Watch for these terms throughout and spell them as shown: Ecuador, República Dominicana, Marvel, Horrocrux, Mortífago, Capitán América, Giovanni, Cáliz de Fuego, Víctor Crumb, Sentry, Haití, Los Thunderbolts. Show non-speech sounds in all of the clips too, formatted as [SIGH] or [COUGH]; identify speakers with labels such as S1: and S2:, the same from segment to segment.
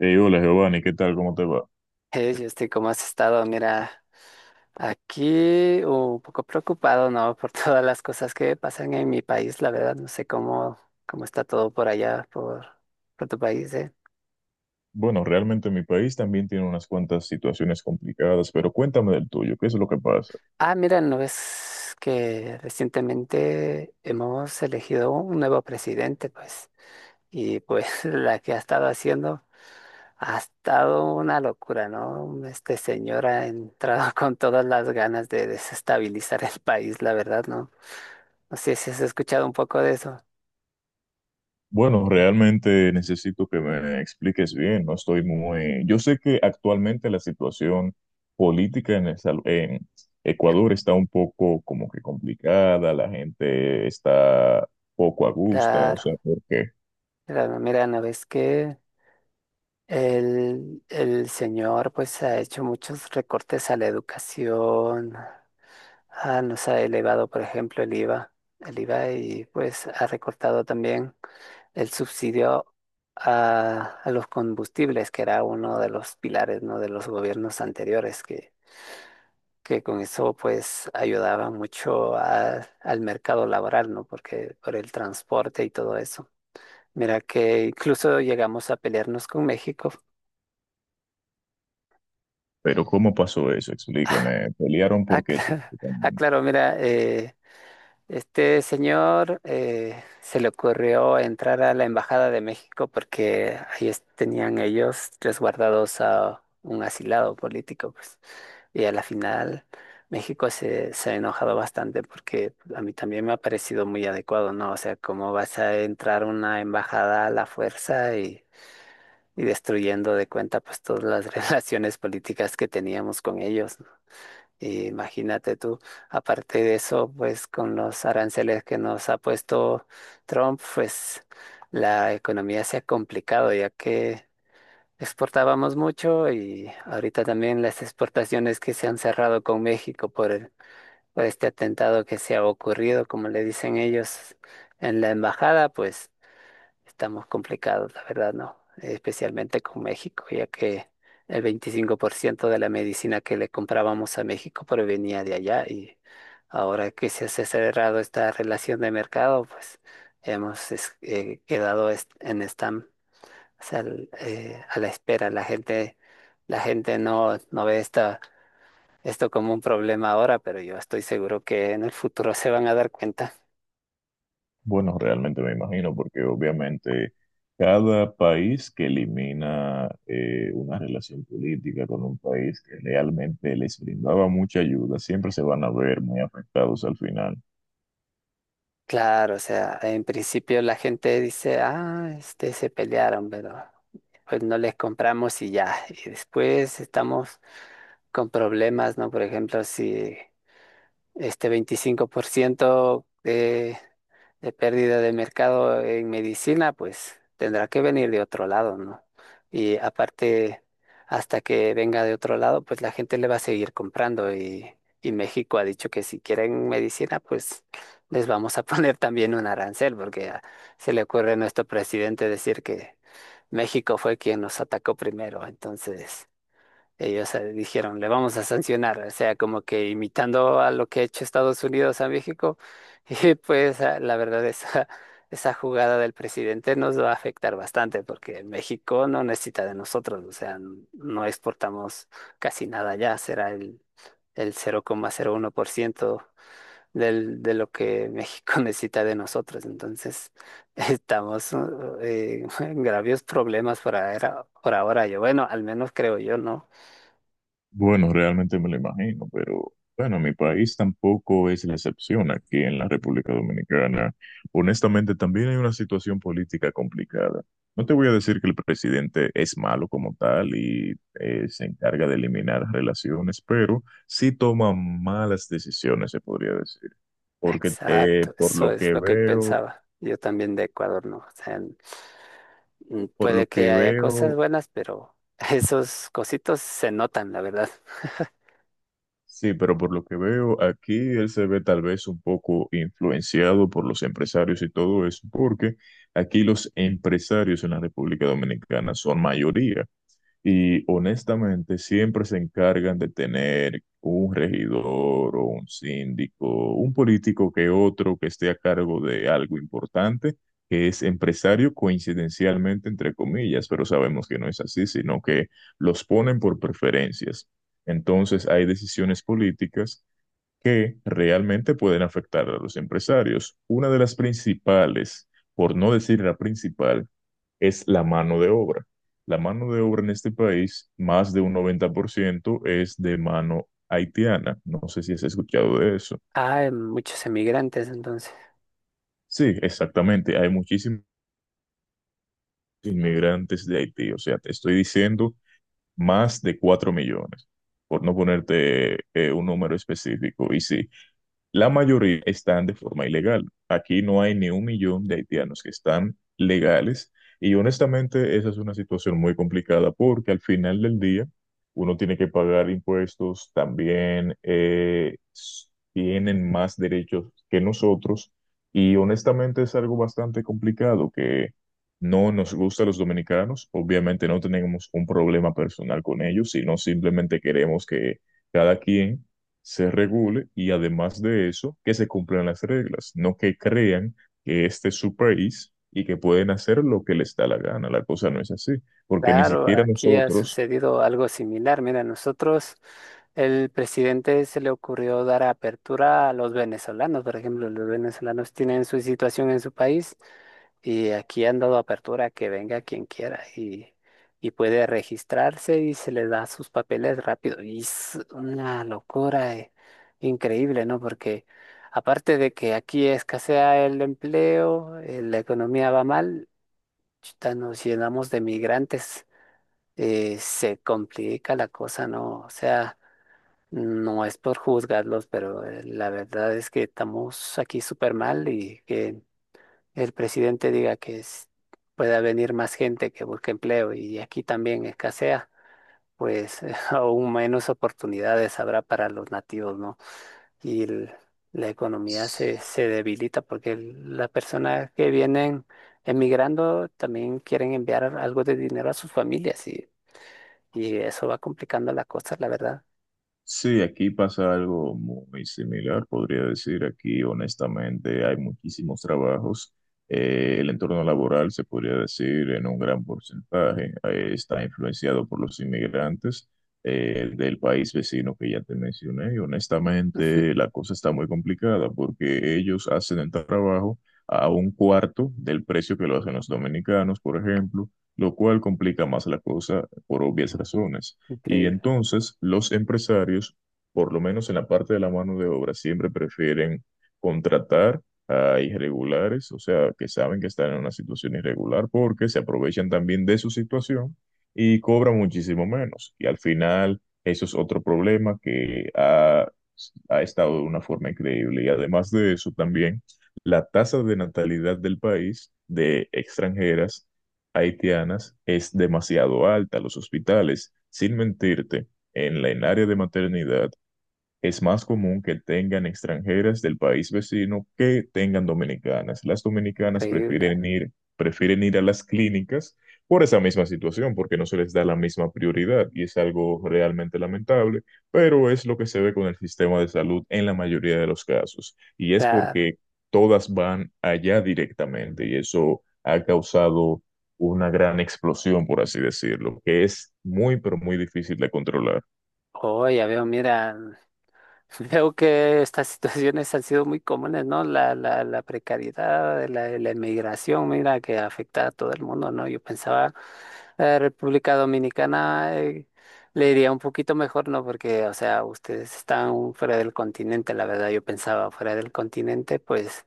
S1: Hey, hola Giovanni, ¿qué tal? ¿Cómo te va?
S2: Hey, Justin, ¿cómo has estado? Mira, aquí un poco preocupado, ¿no? [LAUGHS] Por todas las cosas que pasan en mi país, la verdad, no sé cómo está todo por allá, por tu país,
S1: Bueno, realmente mi país también tiene unas cuantas situaciones complicadas, pero cuéntame del tuyo, ¿qué es lo que pasa?
S2: Ah, mira, ¿no ves que recientemente hemos elegido un nuevo presidente, pues? Y pues [LAUGHS] la que ha estado haciendo ha estado una locura, ¿no? Este señor ha entrado [LAUGHS] con todas las ganas de desestabilizar el país, la verdad, ¿no? No sé si has escuchado un poco de eso.
S1: Bueno, realmente necesito que me expliques bien, no estoy muy... Yo sé que actualmente la situación política en, en Ecuador está un poco como que complicada, la gente está poco a gusto, o sea,
S2: Claro,
S1: ¿por qué?
S2: mira, no ves que el señor pues ha hecho muchos recortes a la educación, nos ha elevado por ejemplo el IVA, el IVA, y pues ha recortado también el subsidio a los combustibles, que era uno de los pilares, ¿no?, de los gobiernos anteriores que con eso pues ayudaba mucho a- al mercado laboral, ¿no?, porque por el transporte y todo eso. Mira que incluso llegamos a pelearnos con México.
S1: Pero ¿cómo pasó eso? Explícame, ¿pelearon
S2: Ah,
S1: por qué
S2: [LAUGHS] ah,
S1: específicamente?
S2: claro, mira, este señor se le ocurrió entrar a la Embajada de México porque ahí es- tenían ellos resguardados a un asilado político, pues. Y a la final México se ha enojado bastante, porque a mí también me ha parecido muy adecuado, ¿no? O sea, ¿cómo vas a entrar a una embajada a la fuerza y destruyendo de cuenta pues todas las [LAUGHS] relaciones políticas que teníamos con ellos, ¿no? Y imagínate tú, aparte de eso, pues con los aranceles que nos ha puesto Trump, pues la economía se ha complicado, ya que exportábamos mucho y ahorita también las exportaciones que se han cerrado con México por el- por este atentado que se ha ocurrido, como le dicen ellos, en la embajada, pues estamos complicados, la verdad, ¿no? Especialmente con México, ya que el 25% de la medicina que le comprábamos a México provenía de allá, y ahora que se ha cerrado esta relación de mercado, pues hemos es- quedado est- en stand, o sea, l- a la espera. La gente no, no ve esto como un problema ahora, pero yo estoy seguro que en el futuro se van a dar cuenta.
S1: Bueno, realmente me imagino, porque obviamente cada país que elimina una relación política con un país que realmente les brindaba mucha ayuda, siempre se van a ver muy afectados al final.
S2: Claro, o sea, en principio la gente dice, ah, este, se pelearon, pero pues no les compramos y ya. Y después estamos con problemas, ¿no? Por ejemplo, si este 25% de pérdida de mercado en medicina, pues tendrá que venir de otro lado, ¿no? Y aparte, hasta que venga de otro lado, pues la gente le va a seguir comprando y México ha dicho que si quieren medicina, pues les vamos a [LAUGHS] poner también un arancel, porque a- se le ocurre a nuestro presidente decir que México fue quien nos atacó primero, entonces... Ellos dijeron, le vamos a sancionar, o sea, como que imitando a lo que ha hecho Estados Unidos a México. [LAUGHS] Y pues la verdad, esa jugada del presidente nos va a afectar bastante, porque México no necesita de nosotros, o sea, no exportamos casi nada ya, será el 0,01% de lo que México [LAUGHS] necesita de nosotros. Entonces, [LAUGHS] estamos [LAUGHS] en graves problemas por ahora, yo, bueno, al menos creo yo, ¿no?
S1: Bueno, realmente me lo imagino, pero bueno, mi país tampoco es la excepción aquí en la República Dominicana. Honestamente, también hay una situación política complicada. No te voy a decir que el presidente es malo como tal y se encarga de eliminar relaciones, pero sí toma malas decisiones, se podría decir. Porque
S2: Exacto,
S1: por
S2: eso
S1: lo
S2: es
S1: que
S2: lo que
S1: veo,
S2: pensaba. Yo también de Ecuador no. O sea,
S1: por lo
S2: puede que
S1: que
S2: haya cosas
S1: veo,
S2: buenas, pero [LAUGHS] esos cositos se notan, la verdad. [LAUGHS]
S1: sí, pero por lo que veo, aquí él se ve tal vez un poco influenciado por los empresarios y todo eso, porque aquí los empresarios en la República Dominicana son mayoría. Y honestamente, siempre se encargan de tener un regidor o un síndico, un político que otro que esté a cargo de algo importante, que es empresario coincidencialmente, entre comillas, pero sabemos que no es así, sino que los ponen por preferencias. Entonces, hay decisiones políticas que realmente pueden afectar a los empresarios. Una de las principales, por no decir la principal, es la mano de obra. La mano de obra en este país, más de un 90% es de mano haitiana. ¿No sé si has escuchado de eso?
S2: Ah, muchos emigrantes, entonces.
S1: Sí, exactamente. Hay muchísimos inmigrantes de Haití. O sea, te estoy diciendo más de 4 millones, por no ponerte un número específico. Y sí, la mayoría están de forma ilegal. Aquí no hay ni 1 millón de haitianos que están legales y honestamente esa es una situación muy complicada porque al final del día uno tiene que pagar impuestos, también tienen más derechos que nosotros y honestamente es algo bastante complicado que no nos gusta a los dominicanos. Obviamente no tenemos un problema personal con ellos, sino simplemente queremos que cada quien se regule y además de eso, que se cumplan las reglas, no que crean que este es su país y que pueden hacer lo que les da la gana. La cosa no es así, porque ni
S2: Claro,
S1: siquiera
S2: aquí ha
S1: nosotros...
S2: sucedido algo similar. Mira, nosotros, el presidente se le ocurrió dar apertura a los venezolanos. Por ejemplo, los venezolanos tienen su situación en su país, y aquí han dado apertura a que venga quien quiera, y puede registrarse y se le da sus papeles rápido. Y es una locura, increíble, ¿no? Porque aparte de que aquí escasea el empleo, la economía va mal, chuta, nos llenamos de migrantes, se complica la cosa, ¿no? O sea, no es por juzgarlos, pero la verdad es que estamos aquí súper mal, y que el presidente diga que es- pueda venir más gente que busque empleo y aquí también escasea, pues [LAUGHS] aún menos oportunidades habrá para los nativos, ¿no? Y el- la economía se debilita porque el- las personas que vienen emigrando también quieren enviar algo de dinero a sus familias, y eso va complicando la cosa, la verdad.
S1: Sí, aquí pasa algo muy similar, podría decir. Aquí, honestamente, hay muchísimos trabajos. El entorno laboral, se podría decir, en un gran porcentaje, está influenciado por los inmigrantes del país vecino que ya te mencioné. Y
S2: Ujú.
S1: honestamente, la cosa está muy complicada porque ellos hacen el trabajo a un cuarto del precio que lo hacen los dominicanos, por ejemplo, lo cual complica más la cosa por obvias razones. Y
S2: Increíble,
S1: entonces los empresarios, por lo menos en la parte de la mano de obra, siempre prefieren contratar a irregulares, o sea, que saben que están en una situación irregular porque se aprovechan también de su situación y cobran muchísimo menos. Y al final, eso es otro problema que ha estado de una forma increíble. Y además de eso, también la tasa de natalidad del país de extranjeras haitianas es demasiado alta. Los hospitales, sin mentirte, en la en área de maternidad es más común que tengan extranjeras del país vecino que tengan dominicanas. Las dominicanas
S2: increíble.
S1: prefieren ir a las clínicas por esa misma situación, porque no se les da la misma prioridad y es algo realmente lamentable, pero es lo que se ve con el sistema de salud en la mayoría de los casos. Y
S2: O
S1: es
S2: sea,
S1: porque todas van allá directamente y eso ha causado una gran explosión, por así decirlo, que es muy, pero muy difícil de controlar.
S2: oh, ya veo, mira, [LAUGHS] veo que estas situaciones han sido muy comunes, ¿no? La precariedad, la inmigración, mira, que afecta a todo el mundo, ¿no? Yo pensaba, la República Dominicana, le iría un poquito mejor, ¿no? Porque, o sea, ustedes están fuera del continente, la verdad, yo pensaba, fuera del continente, pues...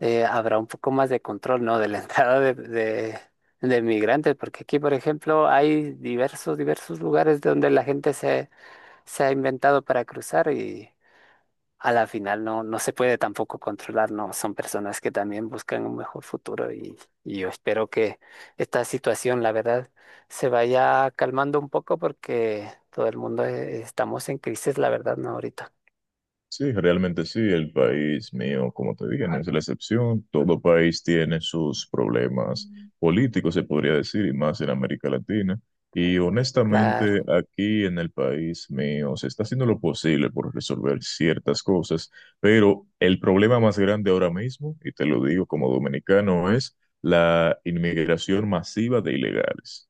S2: habrá un poco más de control, ¿no?, de la [LAUGHS] entrada de migrantes, porque aquí, por ejemplo, hay diversos lugares donde la gente se ha inventado para cruzar, y a la final no, no se puede tampoco controlar, ¿no? Son personas que también buscan un mejor futuro, y yo espero que esta situación, la verdad, se vaya calmando un poco, porque todo el mundo estamos en crisis, la verdad, ¿no? Ahorita.
S1: Sí, realmente sí, el país mío, como te dije, no es la excepción. Todo país tiene sus problemas políticos, se podría decir, y más en América Latina. Y honestamente,
S2: Claro,
S1: aquí en el país mío se está haciendo lo posible por resolver ciertas cosas, pero el problema más grande ahora mismo, y te lo digo como dominicano, es la inmigración masiva de ilegales.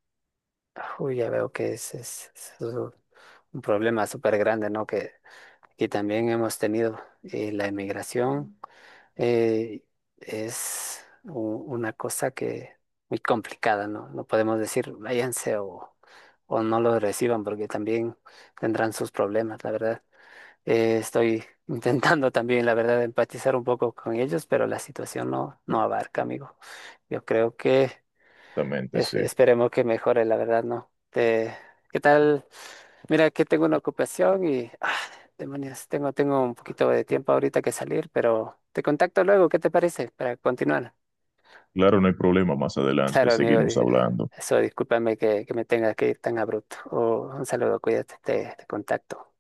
S2: uy, ya veo que es es un problema súper grande, ¿no? Que y también hemos tenido la emigración. eh, es una cosa que muy complicada, ¿no? No podemos decir váyanse o no los reciban, porque también tendrán sus problemas, la verdad. Estoy [LAUGHS] intentando también, la verdad, empatizar un poco con ellos, pero la situación no, no abarca, amigo. Yo creo que
S1: Exactamente,
S2: es-
S1: sí.
S2: esperemos que mejore, la verdad, ¿no? Te- ¿qué tal? Mira, que tengo una ocupación ah, demonios, tengo un poquito de tiempo ahorita que salir, pero te contacto luego, ¿qué te parece? Para continuar.
S1: Claro, no hay problema, más adelante
S2: Claro, amigo,
S1: seguimos hablando.
S2: eso, discúlpame que me tenga que ir tan abrupto. Oh, un saludo, cuídate, te contacto.